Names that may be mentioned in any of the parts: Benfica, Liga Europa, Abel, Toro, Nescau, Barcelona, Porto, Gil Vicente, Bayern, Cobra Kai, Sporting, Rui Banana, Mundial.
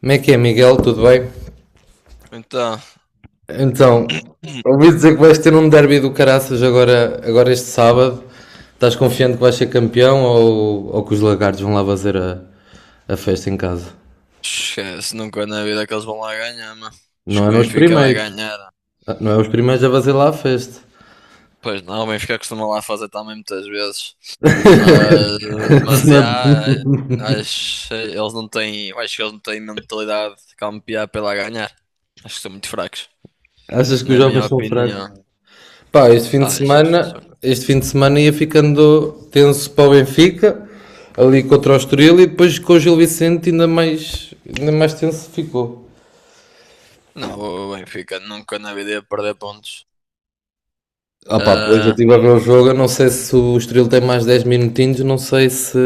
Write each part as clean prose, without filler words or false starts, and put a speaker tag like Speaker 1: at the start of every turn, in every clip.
Speaker 1: Como é que é, Miguel? Tudo bem?
Speaker 2: Então,
Speaker 1: Então, ouvi dizer que vais ter um derby do Caraças agora este sábado. Estás confiante que vais ser campeão ou que os lagartos vão lá fazer a festa em casa?
Speaker 2: esquece, nunca na vida que eles vão lá ganhar, mano.
Speaker 1: Não
Speaker 2: Acho que o
Speaker 1: eram os
Speaker 2: Benfica vai
Speaker 1: primeiros.
Speaker 2: ganhar.
Speaker 1: Ah, não é os primeiros a fazer lá a festa.
Speaker 2: Pois não, o Benfica costuma lá fazer também muitas vezes. Mas, mas
Speaker 1: Não
Speaker 2: já,
Speaker 1: é-
Speaker 2: acho, eles não têm, acho que eles não têm mentalidade de campear pela ganhar. Acho que são muito fracos,
Speaker 1: Achas que os
Speaker 2: na minha
Speaker 1: jovens são fracos?
Speaker 2: opinião.
Speaker 1: Pá, este fim de
Speaker 2: Acho, acho que eles
Speaker 1: semana,
Speaker 2: são.
Speaker 1: este fim de semana ia ficando tenso para o Benfica, ali contra o Estoril e depois com o Gil Vicente ainda mais tenso ficou.
Speaker 2: Não, o Benfica nunca na vida ia perder pontos.
Speaker 1: Ah pá, pois eu
Speaker 2: Ah,
Speaker 1: estive a ver o jogo, eu não sei se o Estoril tem mais 10 minutinhos, não sei se,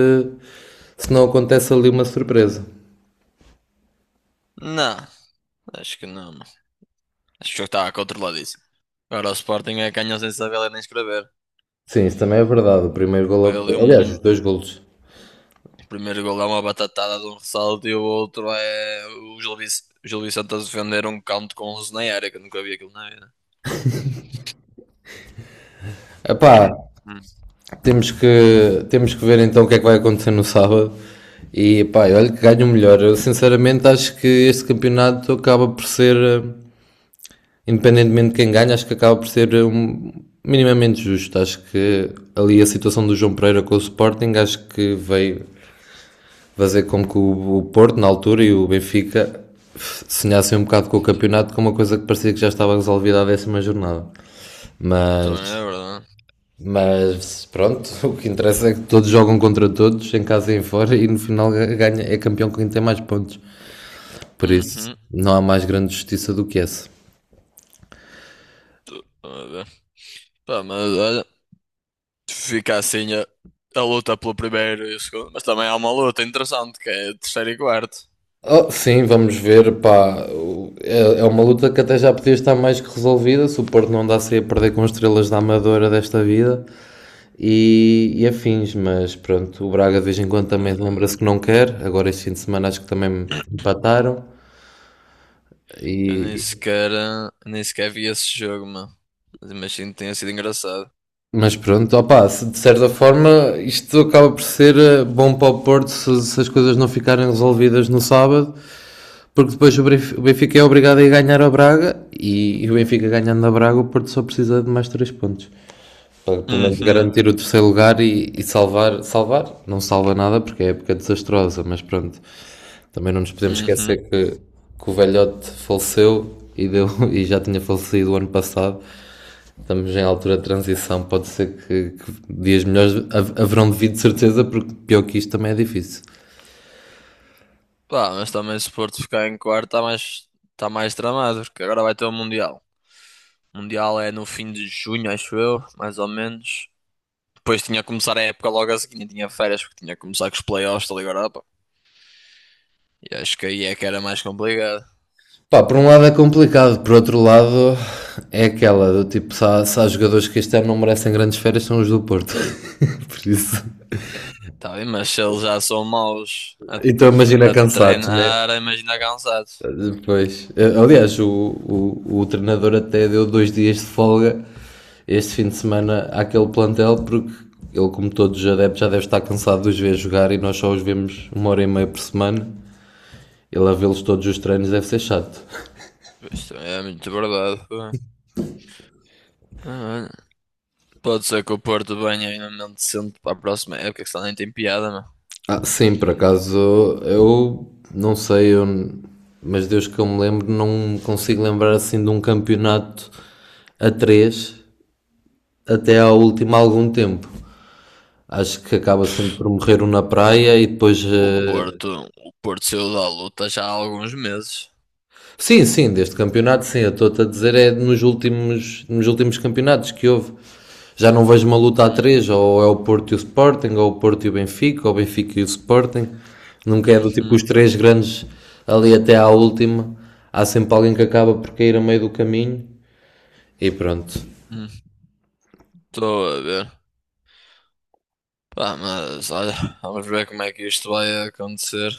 Speaker 1: se não acontece ali uma surpresa.
Speaker 2: não, acho que não, mano. Acho que o jogo estava controladíssimo. Agora o Sporting é que ganhou sem saber ler nem escrever.
Speaker 1: Sim, isso também é verdade, o primeiro gol,
Speaker 2: Ele,
Speaker 1: aliás,
Speaker 2: um,
Speaker 1: os
Speaker 2: o
Speaker 1: dois golos.
Speaker 2: primeiro gol é uma batatada de um ressalto e o outro é o Gil Vicente a defender um canto com 11 na área, que eu nunca vi aquilo na vida.
Speaker 1: Ah,
Speaker 2: Hum.
Speaker 1: temos que ver então o que é que vai acontecer no sábado. E pá, olha que ganho o melhor. Eu sinceramente acho que este campeonato acaba por ser, independentemente de quem ganha, acho que acaba por ser minimamente justo. Acho que ali a situação do João Pereira com o Sporting, acho que veio fazer com que o Porto, na altura, e o Benfica sonhassem um bocado com o campeonato, com uma coisa que parecia que já estava resolvida à décima jornada. Mas,
Speaker 2: Também é verdade.
Speaker 1: mas pronto, o que interessa é que todos jogam contra todos, em casa e em fora, e no final ganha, é campeão quem tem mais pontos. Por isso,
Speaker 2: Uhum.
Speaker 1: não há mais grande justiça do que essa.
Speaker 2: Tô a ver. Pá, mas olha, fica assim a, a luta pelo primeiro e o segundo, mas também há uma luta interessante que é terceiro e quarto.
Speaker 1: Oh, sim, vamos ver, pá. É uma luta que até já podia estar mais que resolvida. Se o Porto não andasse a perder com estrelas da Amadora desta vida, e afins, mas pronto, o Braga de vez em quando também
Speaker 2: Ah,
Speaker 1: lembra-se que não quer, agora este fim de semana acho que também me empataram,
Speaker 2: eu nem
Speaker 1: e,
Speaker 2: sequer, nem sequer vi esse jogo, mano. Mas imagino que tenha sido engraçado.
Speaker 1: mas pronto, opá, se de certa forma isto acaba por ser bom para o Porto se as coisas não ficarem resolvidas no sábado, porque depois o Benfica é obrigado a ir ganhar a Braga, e o Benfica ganhando a Braga, o Porto só precisa de mais três pontos. Para pelo menos
Speaker 2: Uhum,
Speaker 1: garantir o terceiro lugar e salvar, não salva nada porque é época desastrosa, mas pronto, também não nos podemos
Speaker 2: uhum.
Speaker 1: esquecer que o velhote faleceu e já tinha falecido o ano passado. Estamos em altura de transição, pode ser que dias melhores haverão de vir de certeza, porque pior que isto também é difícil.
Speaker 2: Pá, mas também se o Porto ficar em quarto está mais tramado, porque agora vai ter o Mundial. O Mundial é no fim de junho, acho eu, mais ou menos. Depois tinha que começar a época logo a seguir, nem tinha férias, porque tinha que começar com os playoffs da Liga Europa. E acho que aí é que era mais complicado.
Speaker 1: Pá, por um lado é complicado, por outro lado é aquela do tipo, se há jogadores que este ano não merecem grandes férias, são os do Porto. por isso.
Speaker 2: Tá bem, mas se eles já são maus
Speaker 1: Então imagina
Speaker 2: a
Speaker 1: cansados, né?
Speaker 2: treinar, imagina cansados.
Speaker 1: Depois, aliás, o treinador até deu 2 dias de folga este fim de semana àquele plantel, porque ele, como todos os adeptos, já deve estar cansado de os ver jogar e nós só os vemos uma hora e meia por semana. Ele a vê-los todos os treinos deve ser chato.
Speaker 2: Isto é muito verdade, pô. Ah, olha, pode ser que o Porto venha ainda mente decente para a próxima época, que senão nem tem piada.
Speaker 1: Ah, sim, por acaso, eu não sei, mas desde que eu me lembro, não consigo lembrar assim de um campeonato a três até ao último há algum tempo. Acho que acaba sempre por morrer um na praia e depois.
Speaker 2: O
Speaker 1: eh,
Speaker 2: Porto, o Porto saiu da luta já há alguns meses.
Speaker 1: Sim, sim, deste campeonato, sim. Eu estou-te a dizer, é nos últimos campeonatos que houve. Já não vejo uma luta a
Speaker 2: Hum,
Speaker 1: três, ou é o Porto e o Sporting, ou o Porto e o Benfica, ou o Benfica e o Sporting. Nunca é do tipo
Speaker 2: uhum,
Speaker 1: os três grandes ali até à última. Há sempre alguém que acaba por cair a meio do caminho e pronto.
Speaker 2: uhum. Estou a ver. Pá, mas olha, vamos ver como é que isto vai acontecer.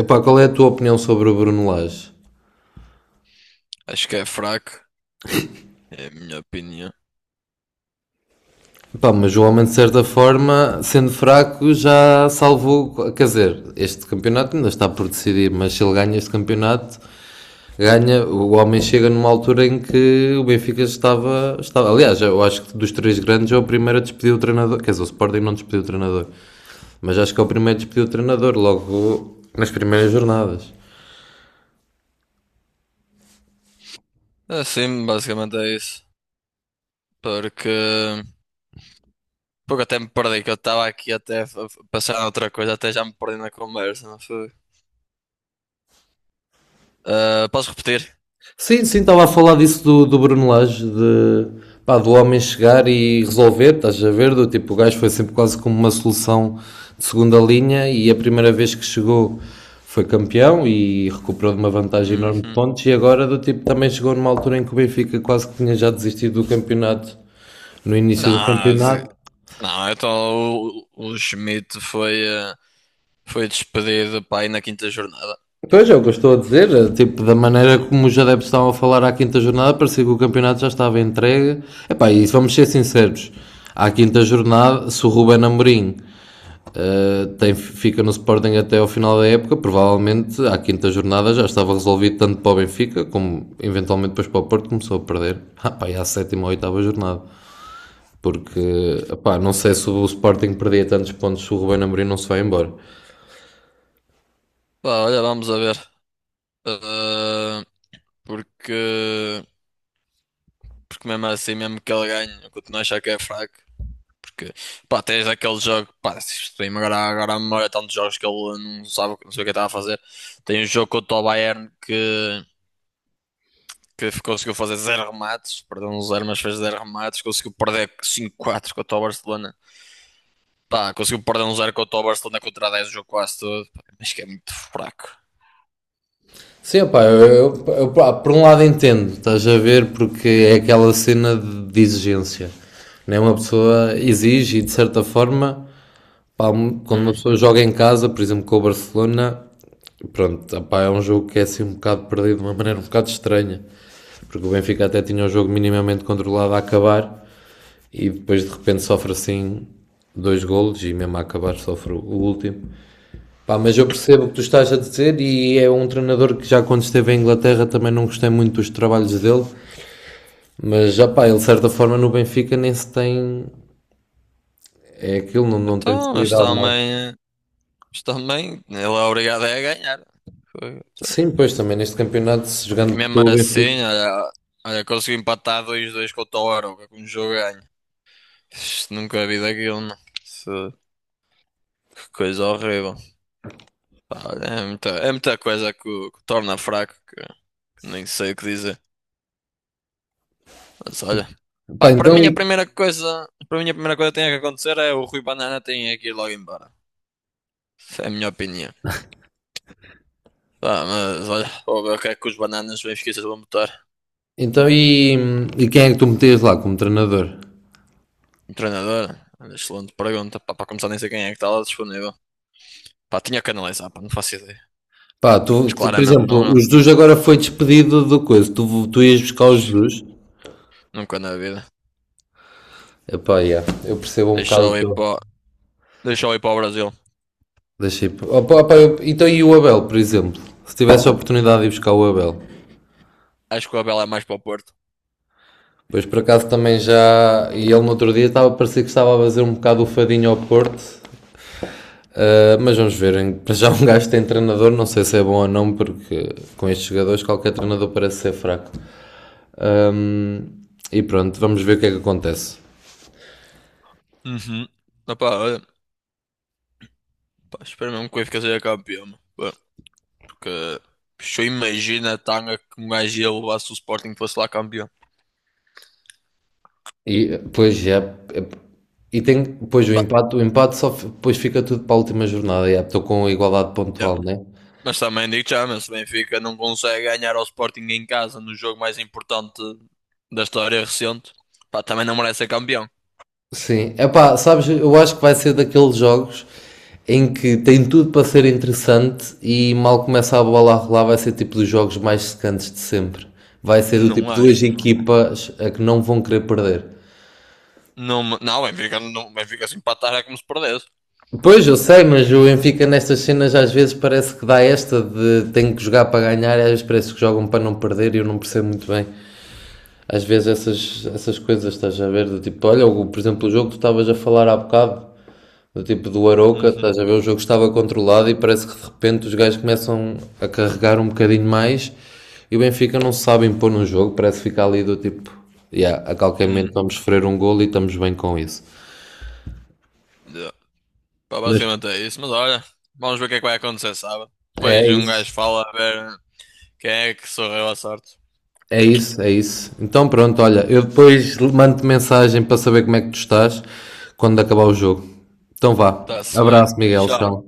Speaker 1: Epá, qual é a tua opinião sobre o Bruno Lage?
Speaker 2: Acho que é fraco, é a minha opinião.
Speaker 1: Pá, mas o homem, de certa forma, sendo fraco, já salvou. Quer dizer, este campeonato ainda está por decidir, mas se ele ganha este campeonato, ganha. O homem chega numa altura em que o Benfica estava, aliás, eu acho que dos três grandes é o primeiro a despedir o treinador. Quer dizer, o Sporting não despediu o trespediu o treinador, mas acho que é o primeiro a despedir o treinador, logo nas primeiras jornadas.
Speaker 2: Assim, basicamente é isso. Porque, porque até me perdi, que eu estava aqui até a a pensar em outra coisa, até já me perdi na conversa, não foi? Ah, posso repetir?
Speaker 1: Sim, sim, estava a falar disso do Bruno Lage, pá, do homem chegar e resolver, estás a ver? Do tipo, o gajo foi sempre quase como uma solução de segunda linha e a primeira vez que chegou foi campeão e recuperou de uma vantagem enorme de
Speaker 2: Uhum.
Speaker 1: pontos e agora do tipo também chegou numa altura em que o Benfica quase que tinha já desistido do campeonato no início do
Speaker 2: Não, se-
Speaker 1: campeonato.
Speaker 2: não, então o Schmidt foi, foi despedido para aí na quinta jornada.
Speaker 1: Pois é, o que eu estou a dizer, é, tipo, da maneira
Speaker 2: Não.
Speaker 1: como os adeptos estavam a falar à quinta jornada, parecia que o campeonato já estava entregue. Epá, e se vamos ser sinceros, à quinta jornada, se o Ruben Amorim fica no Sporting até ao final da época, provavelmente à quinta jornada já estava resolvido tanto para o Benfica, como eventualmente depois para o Porto, começou a perder. Ah, pá, e à sétima ou oitava jornada. Porque, epá, não sei se o Sporting perdia tantos pontos se o Ruben Amorim não se vai embora.
Speaker 2: Pá, olha, vamos a ver. Ah, porque, porque mesmo assim, mesmo que ele ganhe, eu continuo a achar que é fraco. Porque, pá, tens aquele jogo, pá, se isto vem-me agora, agora à memória, tantos jogos que ele não sabe, não sei o que estava a fazer. Tem um jogo contra o Bayern que conseguiu fazer zero remates, perdeu um zero, mas fez zero remates. Conseguiu perder cinco quatro contra o Barcelona. Pá, conseguiu perder um zero contra o Barcelona contra 10 o jogo quase todo. Pá, mas que é muito fraco.
Speaker 1: Sim, pá, por um lado entendo, estás a ver, porque é aquela cena de exigência. Né? Uma pessoa exige e, de certa forma, pá, quando uma pessoa
Speaker 2: Uhum.
Speaker 1: joga em casa, por exemplo, com o Barcelona, pronto, pá, é um jogo que é assim um bocado perdido de uma maneira um bocado estranha. Porque o Benfica até tinha o jogo minimamente controlado a acabar e depois de repente sofre assim dois golos e mesmo a acabar sofre o último. Pá, mas eu percebo o que tu estás a dizer e é um treinador que já quando esteve em Inglaterra também não gostei muito dos trabalhos dele, mas já pá, ele de certa forma no Benfica nem se tem, é aquilo, não, não tem se
Speaker 2: Então, eles
Speaker 1: lidado mal.
Speaker 2: também. Mas também, ele é obrigado é a ganhar. Foi- então,
Speaker 1: Sim, pois também neste campeonato, se
Speaker 2: E
Speaker 1: jogando
Speaker 2: mesmo
Speaker 1: pelo Benfica.
Speaker 2: assim, olha, olha, conseguiu empatar 2 dois com o Toro, com um jogo ganho. Isto nunca vi daquilo, não. Isso- que coisa horrível. Pá, olha, é muita coisa que, que o torna fraco, que nem sei o que dizer. Mas olha,
Speaker 1: Pá,
Speaker 2: pá,
Speaker 1: então e,
Speaker 2: para mim a primeira coisa que tem que acontecer é o Rui Banana tem que ir logo embora. Essa é a minha opinião. Pá, mas olha, vou ver o que é que os bananas bem esqueças vão botar.
Speaker 1: então, e, e quem é que tu metias lá como treinador?
Speaker 2: Um treinador? Olha, excelente pergunta. Pá, para começar, nem sei quem é que está lá disponível. Pá, tinha que analisar, pá, não faço ideia.
Speaker 1: Pá,
Speaker 2: Pá, mas
Speaker 1: por
Speaker 2: claramente não,
Speaker 1: exemplo,
Speaker 2: eu.
Speaker 1: o Jesus agora foi despedido do coisa, tu ias buscar o Jesus?
Speaker 2: Nunca na vida.
Speaker 1: Epá, yeah, eu percebo um
Speaker 2: Deixa
Speaker 1: bocado o
Speaker 2: eu ir
Speaker 1: teu.
Speaker 2: para, o- deixa eu ir para o Brasil.
Speaker 1: Deixei. Opa, opa, então, e o Abel, por exemplo? Se tivesse a oportunidade de ir buscar o Abel,
Speaker 2: Acho que o Abel é mais para o Porto.
Speaker 1: pois por acaso também já. E ele no outro dia estava, parecia que estava a fazer um bocado o fadinho ao Porto, ah, mas vamos ver. Para já, um gajo tem treinador, não sei se é bom ou não, porque com estes jogadores qualquer treinador parece ser fraco. Ahm, e pronto, vamos ver o que é que acontece.
Speaker 2: Uhum. Ah, pá, olha, pá, espero mesmo que o Benfica seja campeão, meu. Pá, porque se eu imagino a tanga que um gajo ia levar se o Sporting fosse lá campeão.
Speaker 1: E pois já. E tem. Pois
Speaker 2: Pá,
Speaker 1: o empate só. Depois fica tudo para a última jornada, já, estou com igualdade pontual, né?
Speaker 2: mas também digo já, mas se o Benfica não consegue ganhar ao Sporting em casa no jogo mais importante da história recente, pá, também não merece ser campeão.
Speaker 1: Sim, epá, sabes, eu acho que vai ser daqueles jogos em que tem tudo para ser interessante e mal começa a bola a rolar vai ser tipo dos jogos mais secantes de sempre. Vai ser do
Speaker 2: Não
Speaker 1: tipo duas
Speaker 2: acho, não.
Speaker 1: equipas a que não vão querer perder.
Speaker 2: Não, o Benfica se empatar é como se perdesse.
Speaker 1: Pois, eu sei, mas o Benfica nestas cenas às vezes parece que dá esta de tem que jogar para ganhar e às vezes parece que jogam para não perder e eu não percebo muito bem. Às vezes essas coisas estás a ver, do tipo, olha, por exemplo, o
Speaker 2: Uhum,
Speaker 1: jogo que tu estavas a falar há bocado, do tipo do Arouca,
Speaker 2: uhum,
Speaker 1: estás a ver? O jogo estava controlado e parece que de repente os gajos começam a carregar um bocadinho mais e o Benfica não se sabe impor no jogo, parece ficar ali do tipo, yeah, a qualquer momento vamos
Speaker 2: uhum.
Speaker 1: sofrer um golo e estamos bem com isso.
Speaker 2: Yeah. Pá,
Speaker 1: Mas
Speaker 2: basicamente é isso, mas olha, vamos ver o que é que vai acontecer sábado. Depois
Speaker 1: é
Speaker 2: um
Speaker 1: isso.
Speaker 2: gajo fala a ver quem é que sorriu à sorte.
Speaker 1: É isso, é isso. Então pronto, olha, eu depois mando-te mensagem para saber como é que tu estás quando acabar o jogo. Então vá.
Speaker 2: Está-se bem.
Speaker 1: Abraço, Miguel.
Speaker 2: Tchau.
Speaker 1: Tchau.